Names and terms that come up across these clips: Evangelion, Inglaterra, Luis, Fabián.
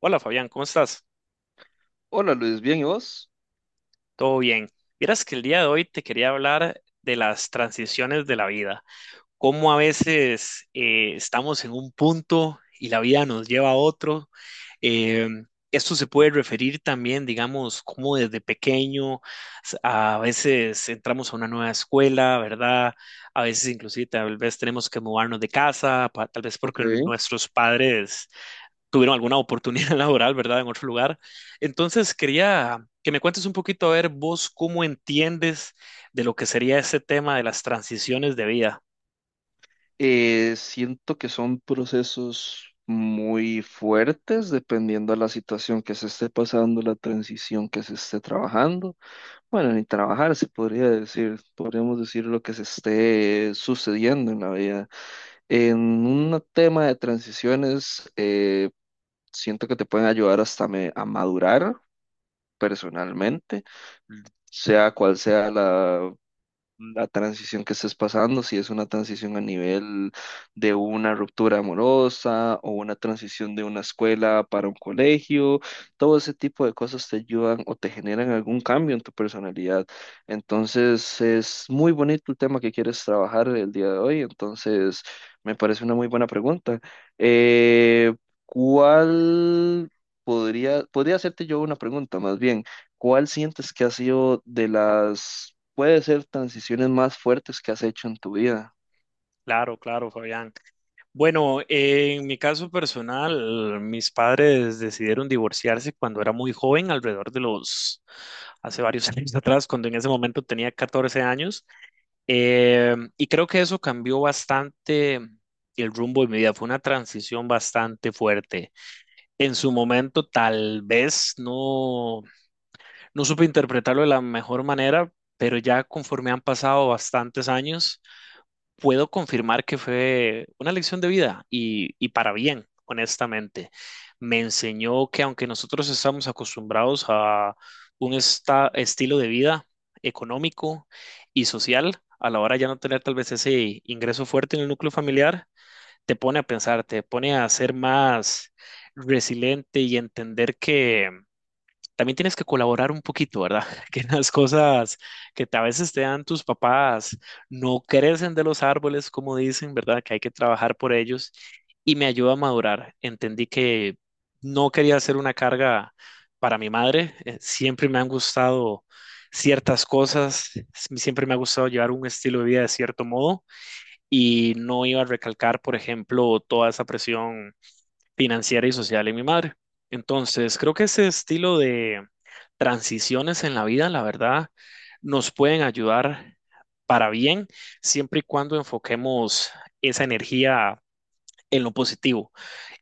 Hola Fabián, ¿cómo estás? Hola Luis, ¿bien y vos? ¿Todo bien? Vieras que el día de hoy te quería hablar de las transiciones de la vida, cómo a veces estamos en un punto y la vida nos lleva a otro. Eh, Esto se puede referir también, digamos, cómo desde pequeño a veces entramos a una nueva escuela, ¿verdad? A veces inclusive tal vez tenemos que mudarnos de casa, tal vez porque Ok. nuestros padres tuvieron alguna oportunidad laboral, ¿verdad? En otro lugar. Entonces, quería que me cuentes un poquito, a ver, vos cómo entiendes de lo que sería ese tema de las transiciones de vida. Siento que son procesos muy fuertes dependiendo de la situación que se esté pasando, la transición que se esté trabajando. Bueno, ni trabajar se podría decir, podríamos decir lo que se esté sucediendo en la vida. En un tema de transiciones, siento que te pueden ayudar hasta a madurar personalmente, sea cual sea la transición que estés pasando, si es una transición a nivel de una ruptura amorosa o una transición de una escuela para un colegio, todo ese tipo de cosas te ayudan o te generan algún cambio en tu personalidad. Entonces, es muy bonito el tema que quieres trabajar el día de hoy, entonces me parece una muy buena pregunta. Eh, ¿Cuál podría hacerte yo una pregunta más bien? ¿Cuál sientes que ha sido de las puede ser transiciones más fuertes que has hecho en tu vida? Claro, claro, Fabián. Bueno, en mi caso personal, mis padres decidieron divorciarse cuando era muy joven, hace varios años atrás, cuando en ese momento tenía 14 años. Y creo que eso cambió bastante el rumbo de mi vida. Fue una transición bastante fuerte. En su momento tal vez no, no supe interpretarlo de la mejor manera, pero ya conforme han pasado bastantes años, puedo confirmar que fue una lección de vida y para bien, honestamente. Me enseñó que aunque nosotros estamos acostumbrados a un estilo de vida económico y social, a la hora de ya no tener tal vez ese ingreso fuerte en el núcleo familiar, te pone a pensar, te pone a ser más resiliente y entender que también tienes que colaborar un poquito, ¿verdad? Que las cosas que a veces te dan tus papás no crecen de los árboles, como dicen, ¿verdad? Que hay que trabajar por ellos y me ayudó a madurar. Entendí que no quería ser una carga para mi madre. Siempre me han gustado ciertas cosas, siempre me ha gustado llevar un estilo de vida de cierto modo y no iba a recalcar, por ejemplo, toda esa presión financiera y social en mi madre. Entonces, creo que ese estilo de transiciones en la vida, la verdad, nos pueden ayudar para bien, siempre y cuando enfoquemos esa energía en lo positivo.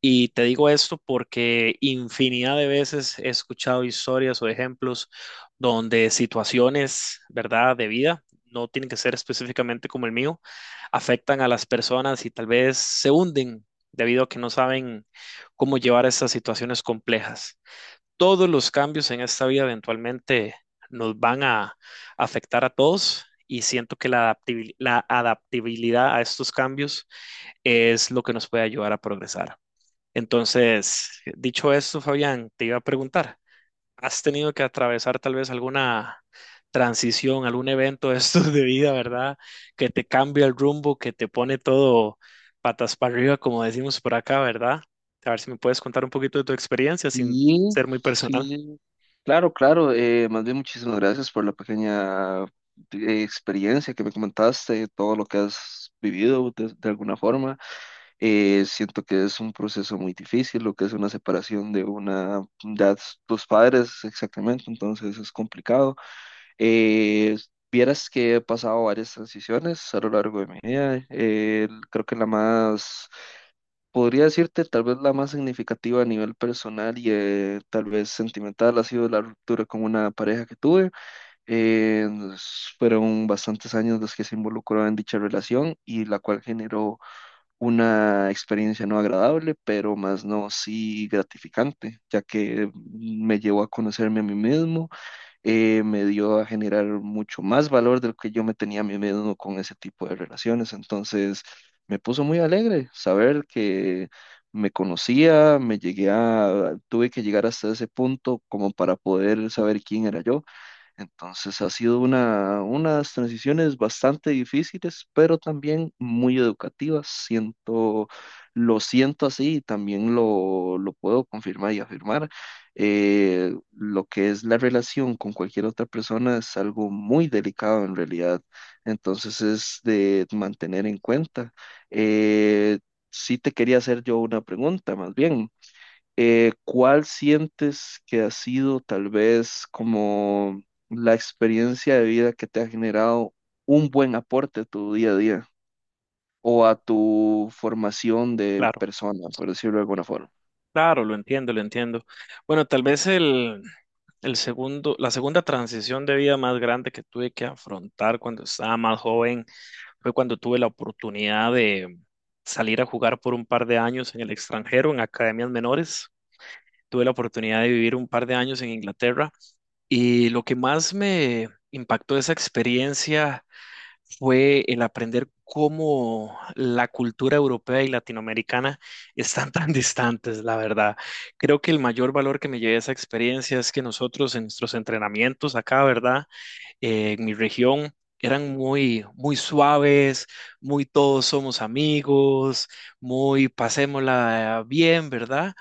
Y te digo esto porque infinidad de veces he escuchado historias o ejemplos donde situaciones, ¿verdad?, de vida, no tienen que ser específicamente como el mío, afectan a las personas y tal vez se hunden debido a que no saben cómo llevar estas situaciones complejas. Todos los cambios en esta vida eventualmente nos van a afectar a todos y siento que la la adaptabilidad a estos cambios es lo que nos puede ayudar a progresar. Entonces, dicho eso, Fabián, te iba a preguntar, ¿has tenido que atravesar tal vez alguna transición, algún evento de estos de vida, ¿verdad? Que te cambia el rumbo, que te pone todo patas para arriba, como decimos por acá, ¿verdad? A ver si me puedes contar un poquito de tu experiencia sin Y ser muy personal. sí, claro, claro, más bien muchísimas gracias por la pequeña experiencia que me comentaste, todo lo que has vivido de alguna forma. Siento que es un proceso muy difícil, lo que es una separación de una de tus padres, exactamente, entonces es complicado. Eh, Vieras que he pasado varias transiciones a lo largo de mi vida. Creo que la más podría decirte, tal vez la más significativa a nivel personal y tal vez sentimental ha sido la ruptura con una pareja que tuve. Eh, fueron bastantes años los que se involucró en dicha relación y la cual generó una experiencia no agradable, pero más no sí gratificante, ya que me llevó a conocerme a mí mismo. Me dio a generar mucho más valor del que yo me tenía a mí mismo con ese tipo de relaciones. Entonces, me puso muy alegre saber que me conocía, tuve que llegar hasta ese punto como para poder saber quién era yo. Entonces ha sido una, unas transiciones bastante difíciles, pero también muy educativas. Lo siento así y también lo puedo confirmar y afirmar. Lo que es la relación con cualquier otra persona es algo muy delicado en realidad. Entonces es de mantener en cuenta. Eh, sí te quería hacer yo una pregunta, más bien ¿cuál sientes que ha sido tal vez como la experiencia de vida que te ha generado un buen aporte a tu día a día o a tu formación de Claro, persona, por decirlo de alguna forma? claro, lo entiendo, lo entiendo. Bueno, la segunda transición de vida más grande que tuve que afrontar cuando estaba más joven fue cuando tuve la oportunidad de salir a jugar por un par de años en el extranjero, en academias menores. Tuve la oportunidad de vivir un par de años en Inglaterra y lo que más me impactó de esa experiencia fue el aprender cómo la cultura europea y latinoamericana están tan distantes, la verdad. Creo que el mayor valor que me llevé de esa experiencia es que nosotros en nuestros entrenamientos acá, ¿verdad? En mi región eran muy, muy suaves, muy todos somos amigos, muy pasémosla bien, ¿verdad?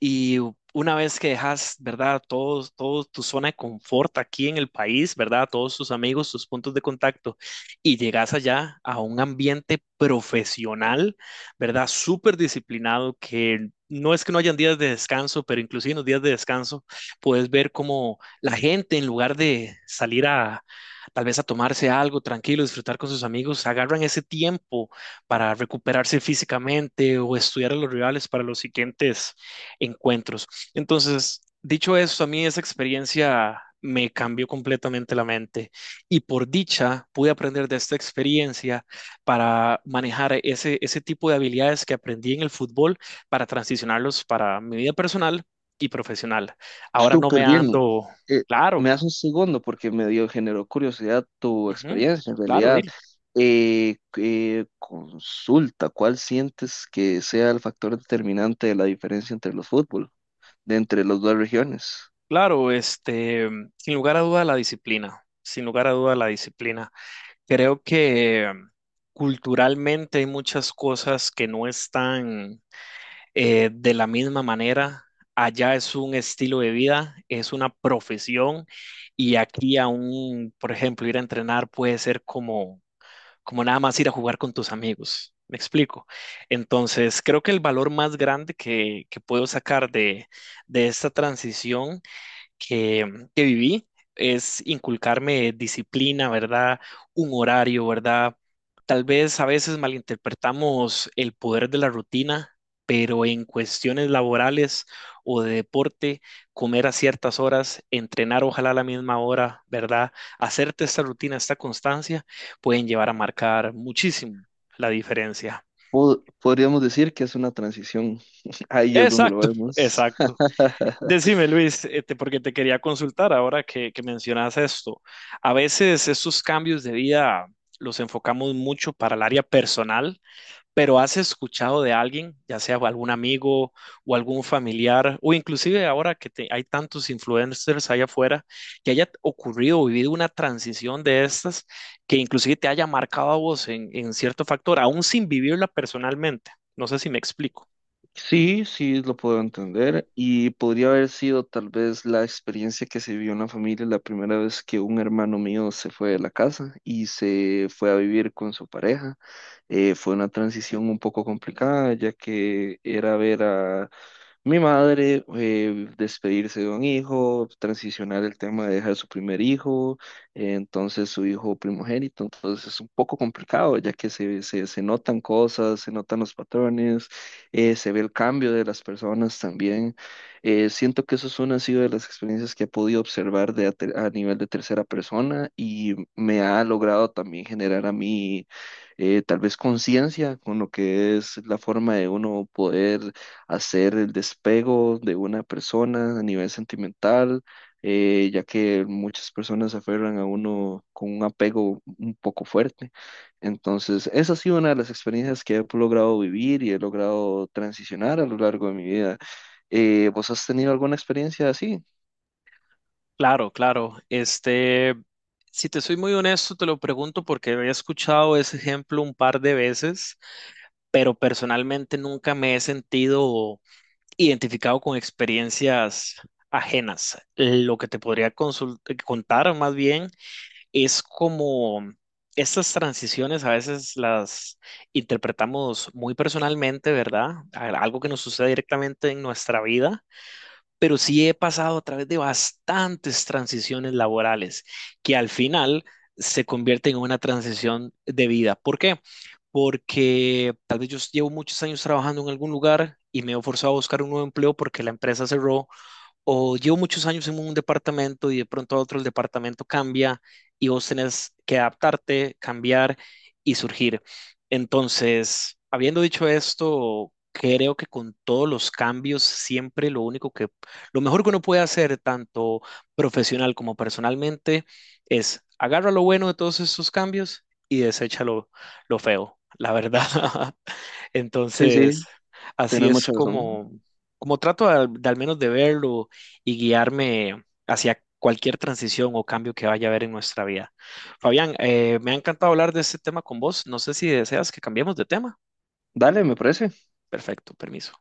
Y una vez que dejas, ¿verdad? Todos tu zona de confort aquí en el país, ¿verdad? Todos tus amigos, tus puntos de contacto, y llegas allá a un ambiente profesional, ¿verdad? Súper disciplinado, que no es que no hayan días de descanso, pero inclusive en los días de descanso puedes ver cómo la gente, en lugar de salir a tal vez a tomarse algo tranquilo, disfrutar con sus amigos, agarran ese tiempo para recuperarse físicamente o estudiar a los rivales para los siguientes encuentros. Entonces, dicho eso, a mí esa experiencia me cambió completamente la mente y por dicha pude aprender de esta experiencia para manejar ese tipo de habilidades que aprendí en el fútbol para transicionarlos para mi vida personal y profesional. Ahora no me Súper bien. ando, Eh, claro, me das un segundo porque generó curiosidad tu ujú, experiencia en claro, realidad. dile, Consulta, ¿cuál sientes que sea el factor determinante de la diferencia entre los fútbol, de entre las dos regiones? claro, este, sin lugar a duda la disciplina, sin lugar a duda la disciplina. Creo que mm, culturalmente hay muchas cosas que no están de la misma manera. Allá es un estilo de vida, es una profesión y aquí aún, por ejemplo, ir a entrenar puede ser como, como nada más ir a jugar con tus amigos. ¿Me explico? Entonces, creo que el valor más grande que puedo sacar de esta transición que, mm, que viví es inculcarme disciplina, ¿verdad? Un horario, ¿verdad? Tal vez a veces malinterpretamos el poder de la rutina, pero en cuestiones laborales o de deporte, comer a ciertas horas, entrenar ojalá a la misma hora, ¿verdad? Hacerte esta rutina, esta constancia, pueden llevar a marcar muchísimo la diferencia. Podríamos decir que es una transición. Ahí es donde lo Exacto, vemos. exacto. Decime, Luis, este, porque te quería consultar ahora que mencionas esto. A veces estos cambios de vida los enfocamos mucho para el área personal, pero ¿has escuchado de alguien, ya sea algún amigo o algún familiar, o inclusive ahora que hay tantos influencers allá afuera, que haya ocurrido o vivido una transición de estas que inclusive te haya marcado a vos en cierto factor, aún sin vivirla personalmente? No sé si me explico. Sí, sí, lo puedo entender. Y podría haber sido tal vez la experiencia que se vivió en la familia la primera vez que un hermano mío se fue de la casa y se fue a vivir con su pareja. Fue una transición un poco complicada, ya que era ver a mi madre, despedirse de un hijo, transicionar el tema de dejar su primer hijo, entonces su hijo primogénito, entonces es un poco complicado ya que se notan cosas, se notan los patrones, se ve el cambio de las personas también. Siento que eso es una ha sido de las experiencias que he podido observar de a nivel de tercera persona y me ha logrado también generar a mí tal vez conciencia con lo que es la forma de uno poder hacer el despego de una persona a nivel sentimental, ya que muchas personas se aferran a uno con un apego un poco fuerte. Entonces, esa ha sido una de las experiencias que he logrado vivir y he logrado transicionar a lo largo de mi vida. ¿Vos has tenido alguna experiencia así? Claro, claro. Este, si te soy muy honesto, te lo pregunto porque he escuchado ese ejemplo un par de veces, pero personalmente nunca me he sentido identificado con experiencias ajenas. Lo que te podría contar más bien es como estas transiciones a veces las interpretamos muy personalmente, ¿verdad? Algo que nos sucede directamente en nuestra vida, pero sí he pasado a través de bastantes transiciones laborales que al final se convierten en una transición de vida. ¿Por qué? Porque tal vez yo llevo muchos años trabajando en algún lugar y me he forzado a buscar un nuevo empleo porque la empresa cerró o llevo muchos años en un departamento y de pronto a otro el departamento cambia y vos tenés que adaptarte, cambiar y surgir. Entonces, habiendo dicho esto, creo que con todos los cambios, siempre lo único lo mejor que uno puede hacer, tanto profesional como personalmente, es agarra lo bueno de todos estos cambios y desecha lo feo, la verdad. Sí, Entonces, sí, así tenés es mucha razón. como, como trato al menos de verlo y guiarme hacia cualquier transición o cambio que vaya a haber en nuestra vida. Fabián, me ha encantado hablar de este tema con vos. No sé si deseas que cambiemos de tema. Dale, me parece. Perfecto, permiso.